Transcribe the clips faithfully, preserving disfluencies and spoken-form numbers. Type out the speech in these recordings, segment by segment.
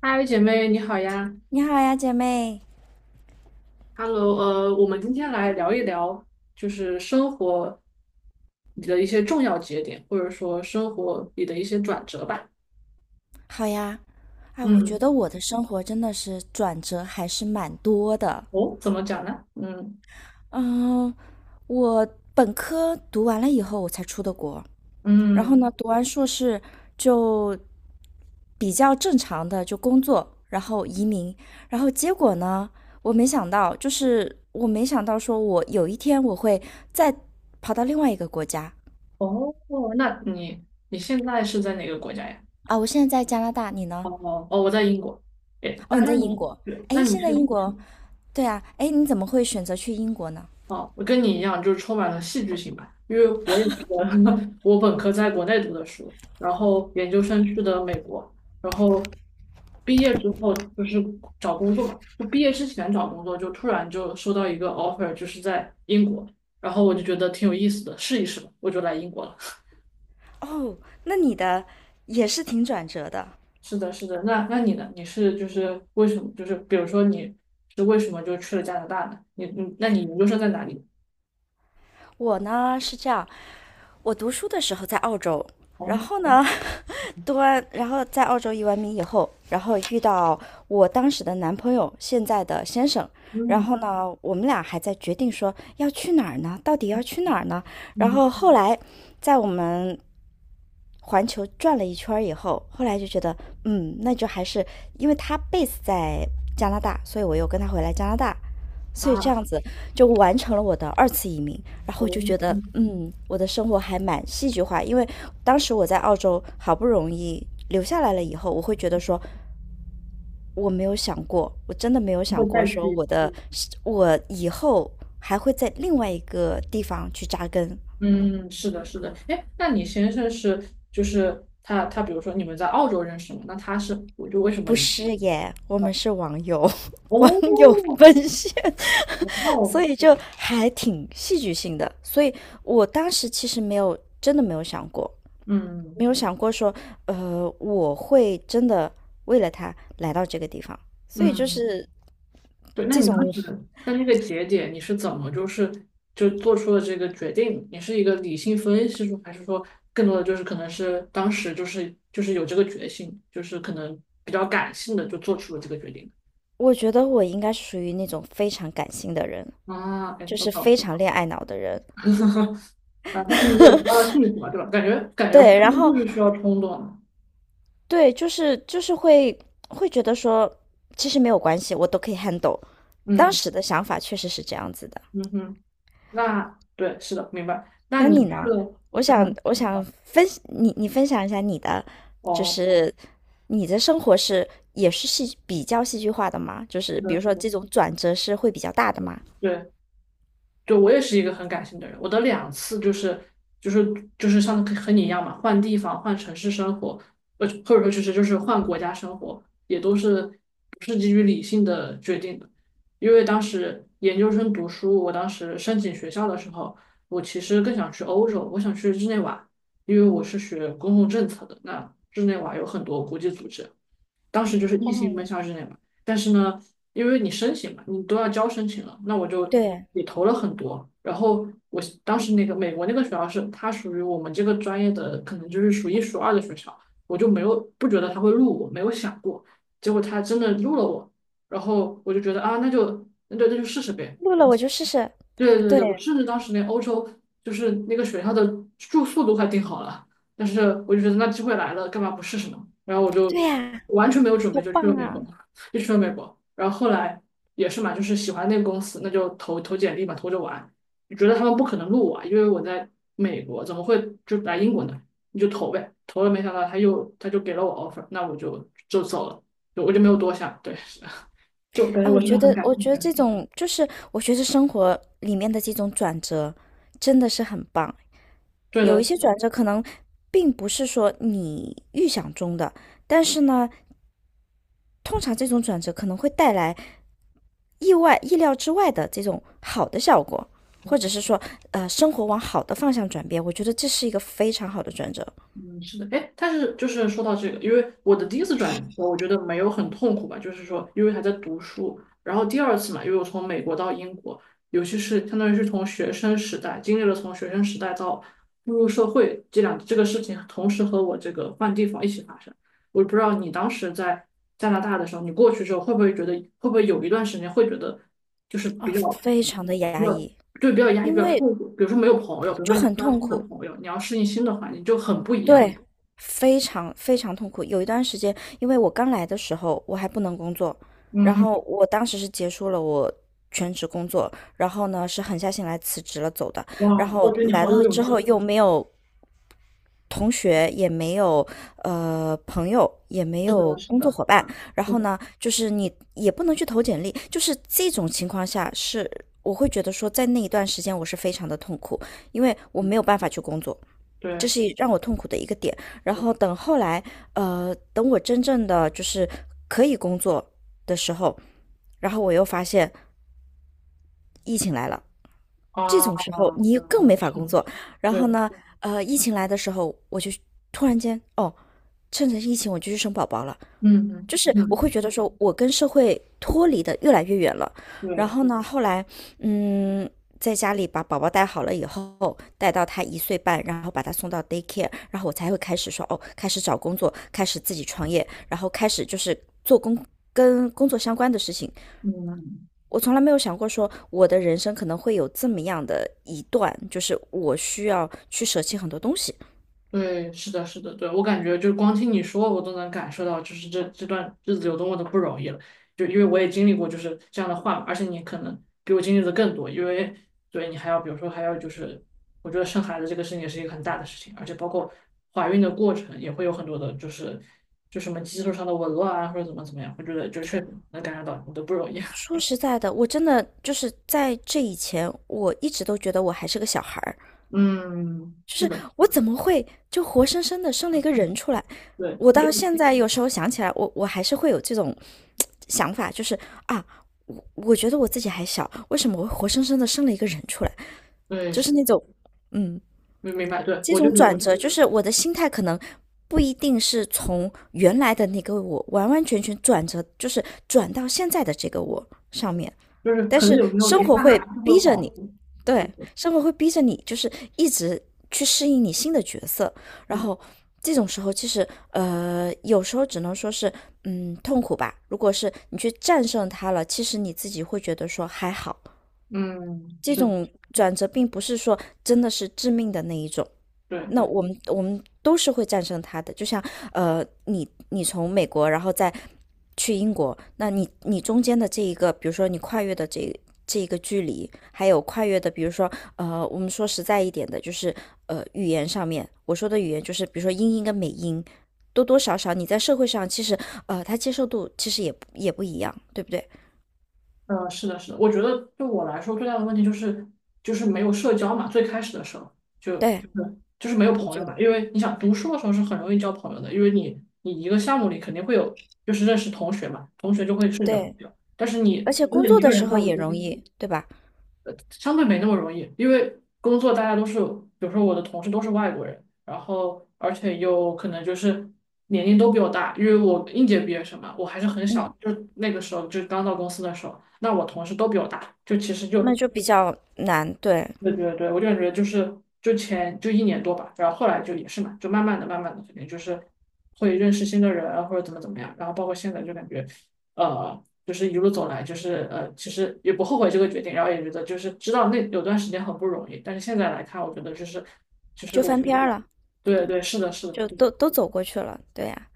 嗨，姐妹，你好呀你好呀，姐妹，！Hello，呃，我们今天来聊一聊，就是生活里的一些重要节点，或者说生活里的一些转折吧。好呀。哎，我觉嗯。得我的生活真的是转折还是蛮多的。哦，怎么讲呢？嗯嗯，我本科读完了以后，我才出的国。然后嗯。呢，读完硕士就比较正常的就工作，然后移民。然后结果呢，我没想到，就是我没想到说我有一天我会再跑到另外一个国家哦，那你你现在是在哪个国家呀？啊。我现在在加拿大，你呢？哦哦，我在英国。诶，那哦，你在那英你国。对，那哎，你现在英是。国。对啊，哎，你怎么会选择去英国呢？哦，我跟你一样，就是充满了戏剧性吧，因为我也是个 我本科在国内读的书，然后研究生去的美国，然后毕业之后就是找工作嘛，就毕业之前找工作，就突然就收到一个 offer，就是在英国，然后我就觉得挺有意思的，试一试吧，我就来英国了。哦，那你的也是挺转折的。是的，是的，那那你呢？你是就是为什么？就是比如说你是为什么就去了加拿大呢？你你那你研究生在哪里？我呢是这样，我读书的时候在澳洲，然哦，后呢，读完，然后在澳洲移完名以后，然后遇到我当时的男朋友，现在的先生，然嗯后呢，我们俩还在决定说要去哪儿呢，到底要去哪儿呢？然嗯后后来，在我们环球转了一圈以后，后来就觉得，嗯，那就还是因为他 base 在加拿大，所以我又跟他回来加拿大，所以这样啊，子就完成了我的二次移民。然后我就觉得，哦。嗯，我的生活还蛮戏剧化，因为当时我在澳洲好不容易留下来了以后，我会觉得说，我没有想过，我真的没有想会过再说去。我的我以后还会在另外一个地方去扎根。嗯，是的，是的。哎，那你先生是就是他他，比如说你们在澳洲认识嘛？那他是，我就为什么不你？是耶，我们哦是网友 网友哦。奔现 哇 哦。所以就还挺戏剧性的。所以我当时其实没有真的没有想过，没嗯有想过说，呃，我会真的为了他来到这个地方。所以就嗯。是对。那这你当种，时在那个节点，你是怎么就是就做出了这个决定？你是一个理性分析出，还是说更多的就是可能是当时就是就是有这个决心，就是可能比较感性的就做出了这个决定？我觉得我应该是属于那种非常感性的人，啊，哎，就我是非懂。常恋爱脑的人。啊，但是你也得到了幸福嘛，对吧？感觉感觉婚对，然姻后就是需要冲动的。对，就是就是会会觉得说，其实没有关系，我都可以 handle。当嗯。时的想法确实是这样子的。嗯哼。那对，是的，明白。那那你你去呢？了我加想拿我想大。分你你分享一下你的，就哦，是你的生活是也是戏比较戏剧化的吗？就是是比的，如是说的，这种转折是会比较大的对，吗？对，就我也是一个很感性的人，我的两次就是就是就是像和你一样嘛，换地方、换城市生活，呃，或者说就是就是换国家生活，也都是基于理性的决定的。因为当时研究生读书，我当时申请学校的时候，我其实更想去欧洲，我想去日内瓦，因为我是学公共政策的，那日内瓦有很多国际组织，当时就是异性奔哦，向之内嘛。但是呢，因为你申请嘛，你都要交申请了，那我就对，也投了很多。然后我当时那个美国那个学校是它属于我们这个专业的，可能就是数一数二的学校，我就没有不觉得他会录我，没有想过。结果他真的录了我，然后我就觉得啊，那就那就那就试试呗。录了我就试试。对对对对，我甚至当时连欧洲就是那个学校的住宿都快订好了，但是我就觉得那机会来了，干嘛不试试呢？然后我对就呀，完全没有准备好就去了棒美啊！国，就去了美国。然后后来也是嘛，就是喜欢那个公司，那就投投简历嘛，投着玩。就觉得他们不可能录我啊，因为我在美国，怎么会就来英国呢？你就投呗，投了没想到他又他就给了我 offer，那我就就走了，就我就没有多想，对。就感觉哎，我我是觉个很得，感我性的觉得人。这种就是我觉得生活里面的这种转折真的是很棒。对有一的。些转折可能并不是说你预想中的，但是呢，通常这种转折可能会带来意外、意料之外的这种好的效果，或者是说，呃，生活往好的方向转变。我觉得这是一个非常好的转折嗯，是的。哎，但是就是说到这个，因为我的第一次转学我觉得没有很痛苦吧，就是说，因为还在读书，然后第二次嘛，因为我从美国到英国，尤其是相当于是从学生时代经历了从学生时代到步入社会这两这个事情，同时和我这个换地方一起发生。我不知道你当时在加拿大的时候，你过去之后会不会觉得，会不会有一段时间会觉得就是比啊，较非常的比压较抑，对比较压抑、比因较为痛苦，比如说没有朋友，比如说就你要很交痛新的苦。朋友，你要适应新的环境，就很不一样。对，非常非常痛苦。有一段时间，因为我刚来的时候，我还不能工作，嗯然哼。后我当时是结束了我全职工作，然后呢是狠下心来辞职了走的。然哇，我后觉得你来好了有勇之气。后又没有同学，也没有呃朋友，也没有是工作的，伙伴，然是后的，呢就是你也不能去投简历，就是这种情况下是我会觉得说，在那一段时间我是非常的痛苦，因为我没有办法去工作。对，这是让我痛苦的一个点。然我后等后来，呃，等我真正的就是可以工作的时候，然后我又发现疫情来了，这啊，种时候你更没哦，法是工的，作。然后对，呢，呃，疫情来的时候，我就突然间，哦，趁着疫情我就去生宝宝了。嗯嗯就是我会嗯，觉得说，我跟社会脱离的越来越远了。然对，后呢，后来，嗯，在家里把宝宝带好了以后，带到他一岁半，然后把他送到 daycare，然后我才会开始说，哦，开始找工作，开始自己创业，然后开始就是做工跟工作相关的事情。嗯。我从来没有想过说，我的人生可能会有这么样的一段，就是我需要去舍弃很多东西。对，是的，是的，对，我感觉就光听你说，我都能感受到，就是这这段日子有多么的不容易了。就因为我也经历过就是这样的话嘛，而且你可能比我经历的更多，因为对你还要，比如说还要就是，我觉得生孩子这个事情也是一个很大的事情，而且包括怀孕的过程也会有很多的，就是就什么激素上的紊乱啊，或者怎么怎么样，我觉得就确实能感受到你的不容易。说实在的，我真的就是在这以前，我一直都觉得我还是个小孩儿，嗯，是的，我怎么会就活生生的生了一个人出来？对。我因到为现在有时候想起来，我我还是会有这种想法，就是啊，我觉得我自己还小，为什么我会活生生的生了一个人出来？对就是是，那种，嗯，明明白，对，这我就种觉转得。折，就是我的心态可能不一定是从原来的那个我完完全全转折，就是转到现在的这个我上面。就是但可能是有时候一生活刹会那就会逼着恍你，惚，就对，对？生活会逼着你，就是一直去适应你新的角色。然嗯后这种时候，其实呃，有时候只能说是，嗯，痛苦吧。如果是你去战胜它了，其实你自己会觉得说还好。嗯。这是。种转折并不是说真的是致命的那一种，对那对。我们我们都是会战胜它的。就像呃，你你从美国，然后再去英国，那你你中间的这一个，比如说你跨越的这这一个距离，还有跨越的，比如说呃，我们说实在一点的，就是呃，语言上面，我说的语言就是比如说英音跟美音，多多少少你在社会上其实呃，它接受度其实也不也不一样，对不对？呃，是的，是的，我觉得对我来说最大的问题就是就是没有社交嘛，最开始的时候就就对，是就是没有我朋觉友得嘛，因为你想读书的时候是很容易交朋友的，因为你你一个项目里肯定会有就是认识同学嘛，同学就会是你的朋对，友，但是而你且真工的作一个的时人候到也一个地容方。易，对吧？呃相对没那么容易，因为工作大家都是，比如说我的同事都是外国人，然后而且又可能就是年龄都比我大，因为我应届毕业生嘛，我还是很小，嗯，就那个时候就刚到公司的时候，那我同事都比我大，就其实就。那就比较难，对。对对对，我就感觉就是就前就一年多吧，然后后来就也是嘛，就慢慢的、慢慢的，肯定就是会认识新的人啊或者怎么怎么样，然后包括现在就感觉，呃，就是一路走来，就是呃，其实也不后悔这个决定，然后也觉得就是知道那有段时间很不容易，但是现在来看，我觉得就是就是就我。翻篇儿了，对对，是的，是的。就都都走过去了。对呀，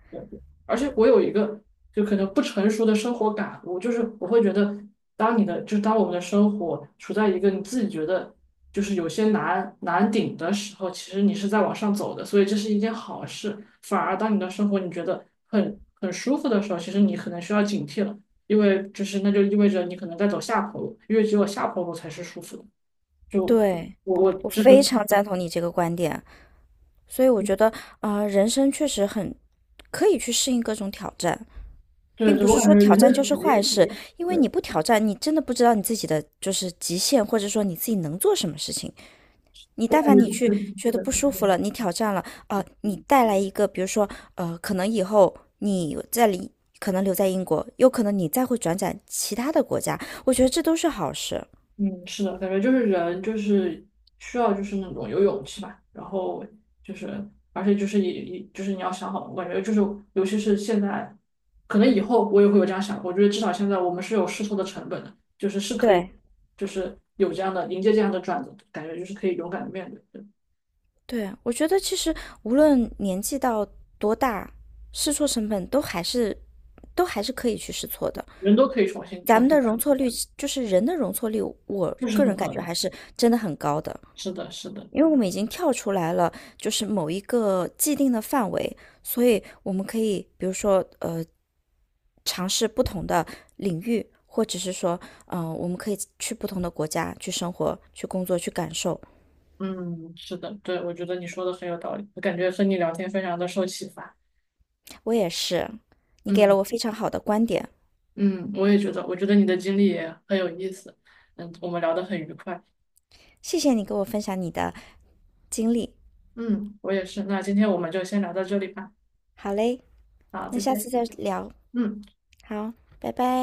而且我有一个就可能不成熟的生活感悟，就是我会觉得，当你的就是当我们的生活处在一个你自己觉得就是有些难难顶的时候，其实你是在往上走的，所以这是一件好事。反而当你的生活你觉得很很舒服的时候，其实你可能需要警惕了，因为就是那就意味着你可能在走下坡路，因为只有下坡路才是舒服的。就对，我我我就非是。常赞同你这个观点。所以我觉得，呃，人生确实很可以去适应各种挑战，对并对，不是我感说觉挑人的战潜就是嗯意坏事，识，因为你对不挑战，你真的不知道你自己的就是极限，或者说你自己能做什么事情。你我但感凡觉你就去是。觉得不舒服了，你挑战了，呃，你带来一个，比如说，呃，可能以后你在里。可能留在英国，有可能你再会转战其他的国家，我觉得这都是好事。嗯，是的，感觉就是人就是需要就是那种有勇气吧，然后就是而且就是也也就是你要想好，我感觉就是尤其是现在，可能以后我也会有这样想，我觉得至少现在我们是有试错的成本的，就是是可以对，就是有这样的迎接这样的转折感觉就是可以勇敢的面对，对。对，我觉得其实无论年纪到多大，试错成本都还是都还是可以去试错的。人都可以重新咱重们新的来，容错率，就是人的容错率，我这是个很人感好觉的。还是真的很高的，是的，是的。因为我们已经跳出来了，就是某一个既定的范围，所以我们可以，比如说，呃，尝试不同的领域，或者是说，嗯、呃我们可以去不同的国家去生活、去工作、去感受。嗯，是的，对，我觉得你说的很有道理，我感觉和你聊天非常的受启发。我也是，你给嗯。了我非常好的观点。嗯，我也觉得，我觉得你的经历也很有意思。嗯，我们聊得很愉快。谢谢你跟我分享你的经历。嗯，我也是。那今天我们就先聊到这里吧。好嘞，好，那再下次见。再聊。嗯。好，拜拜。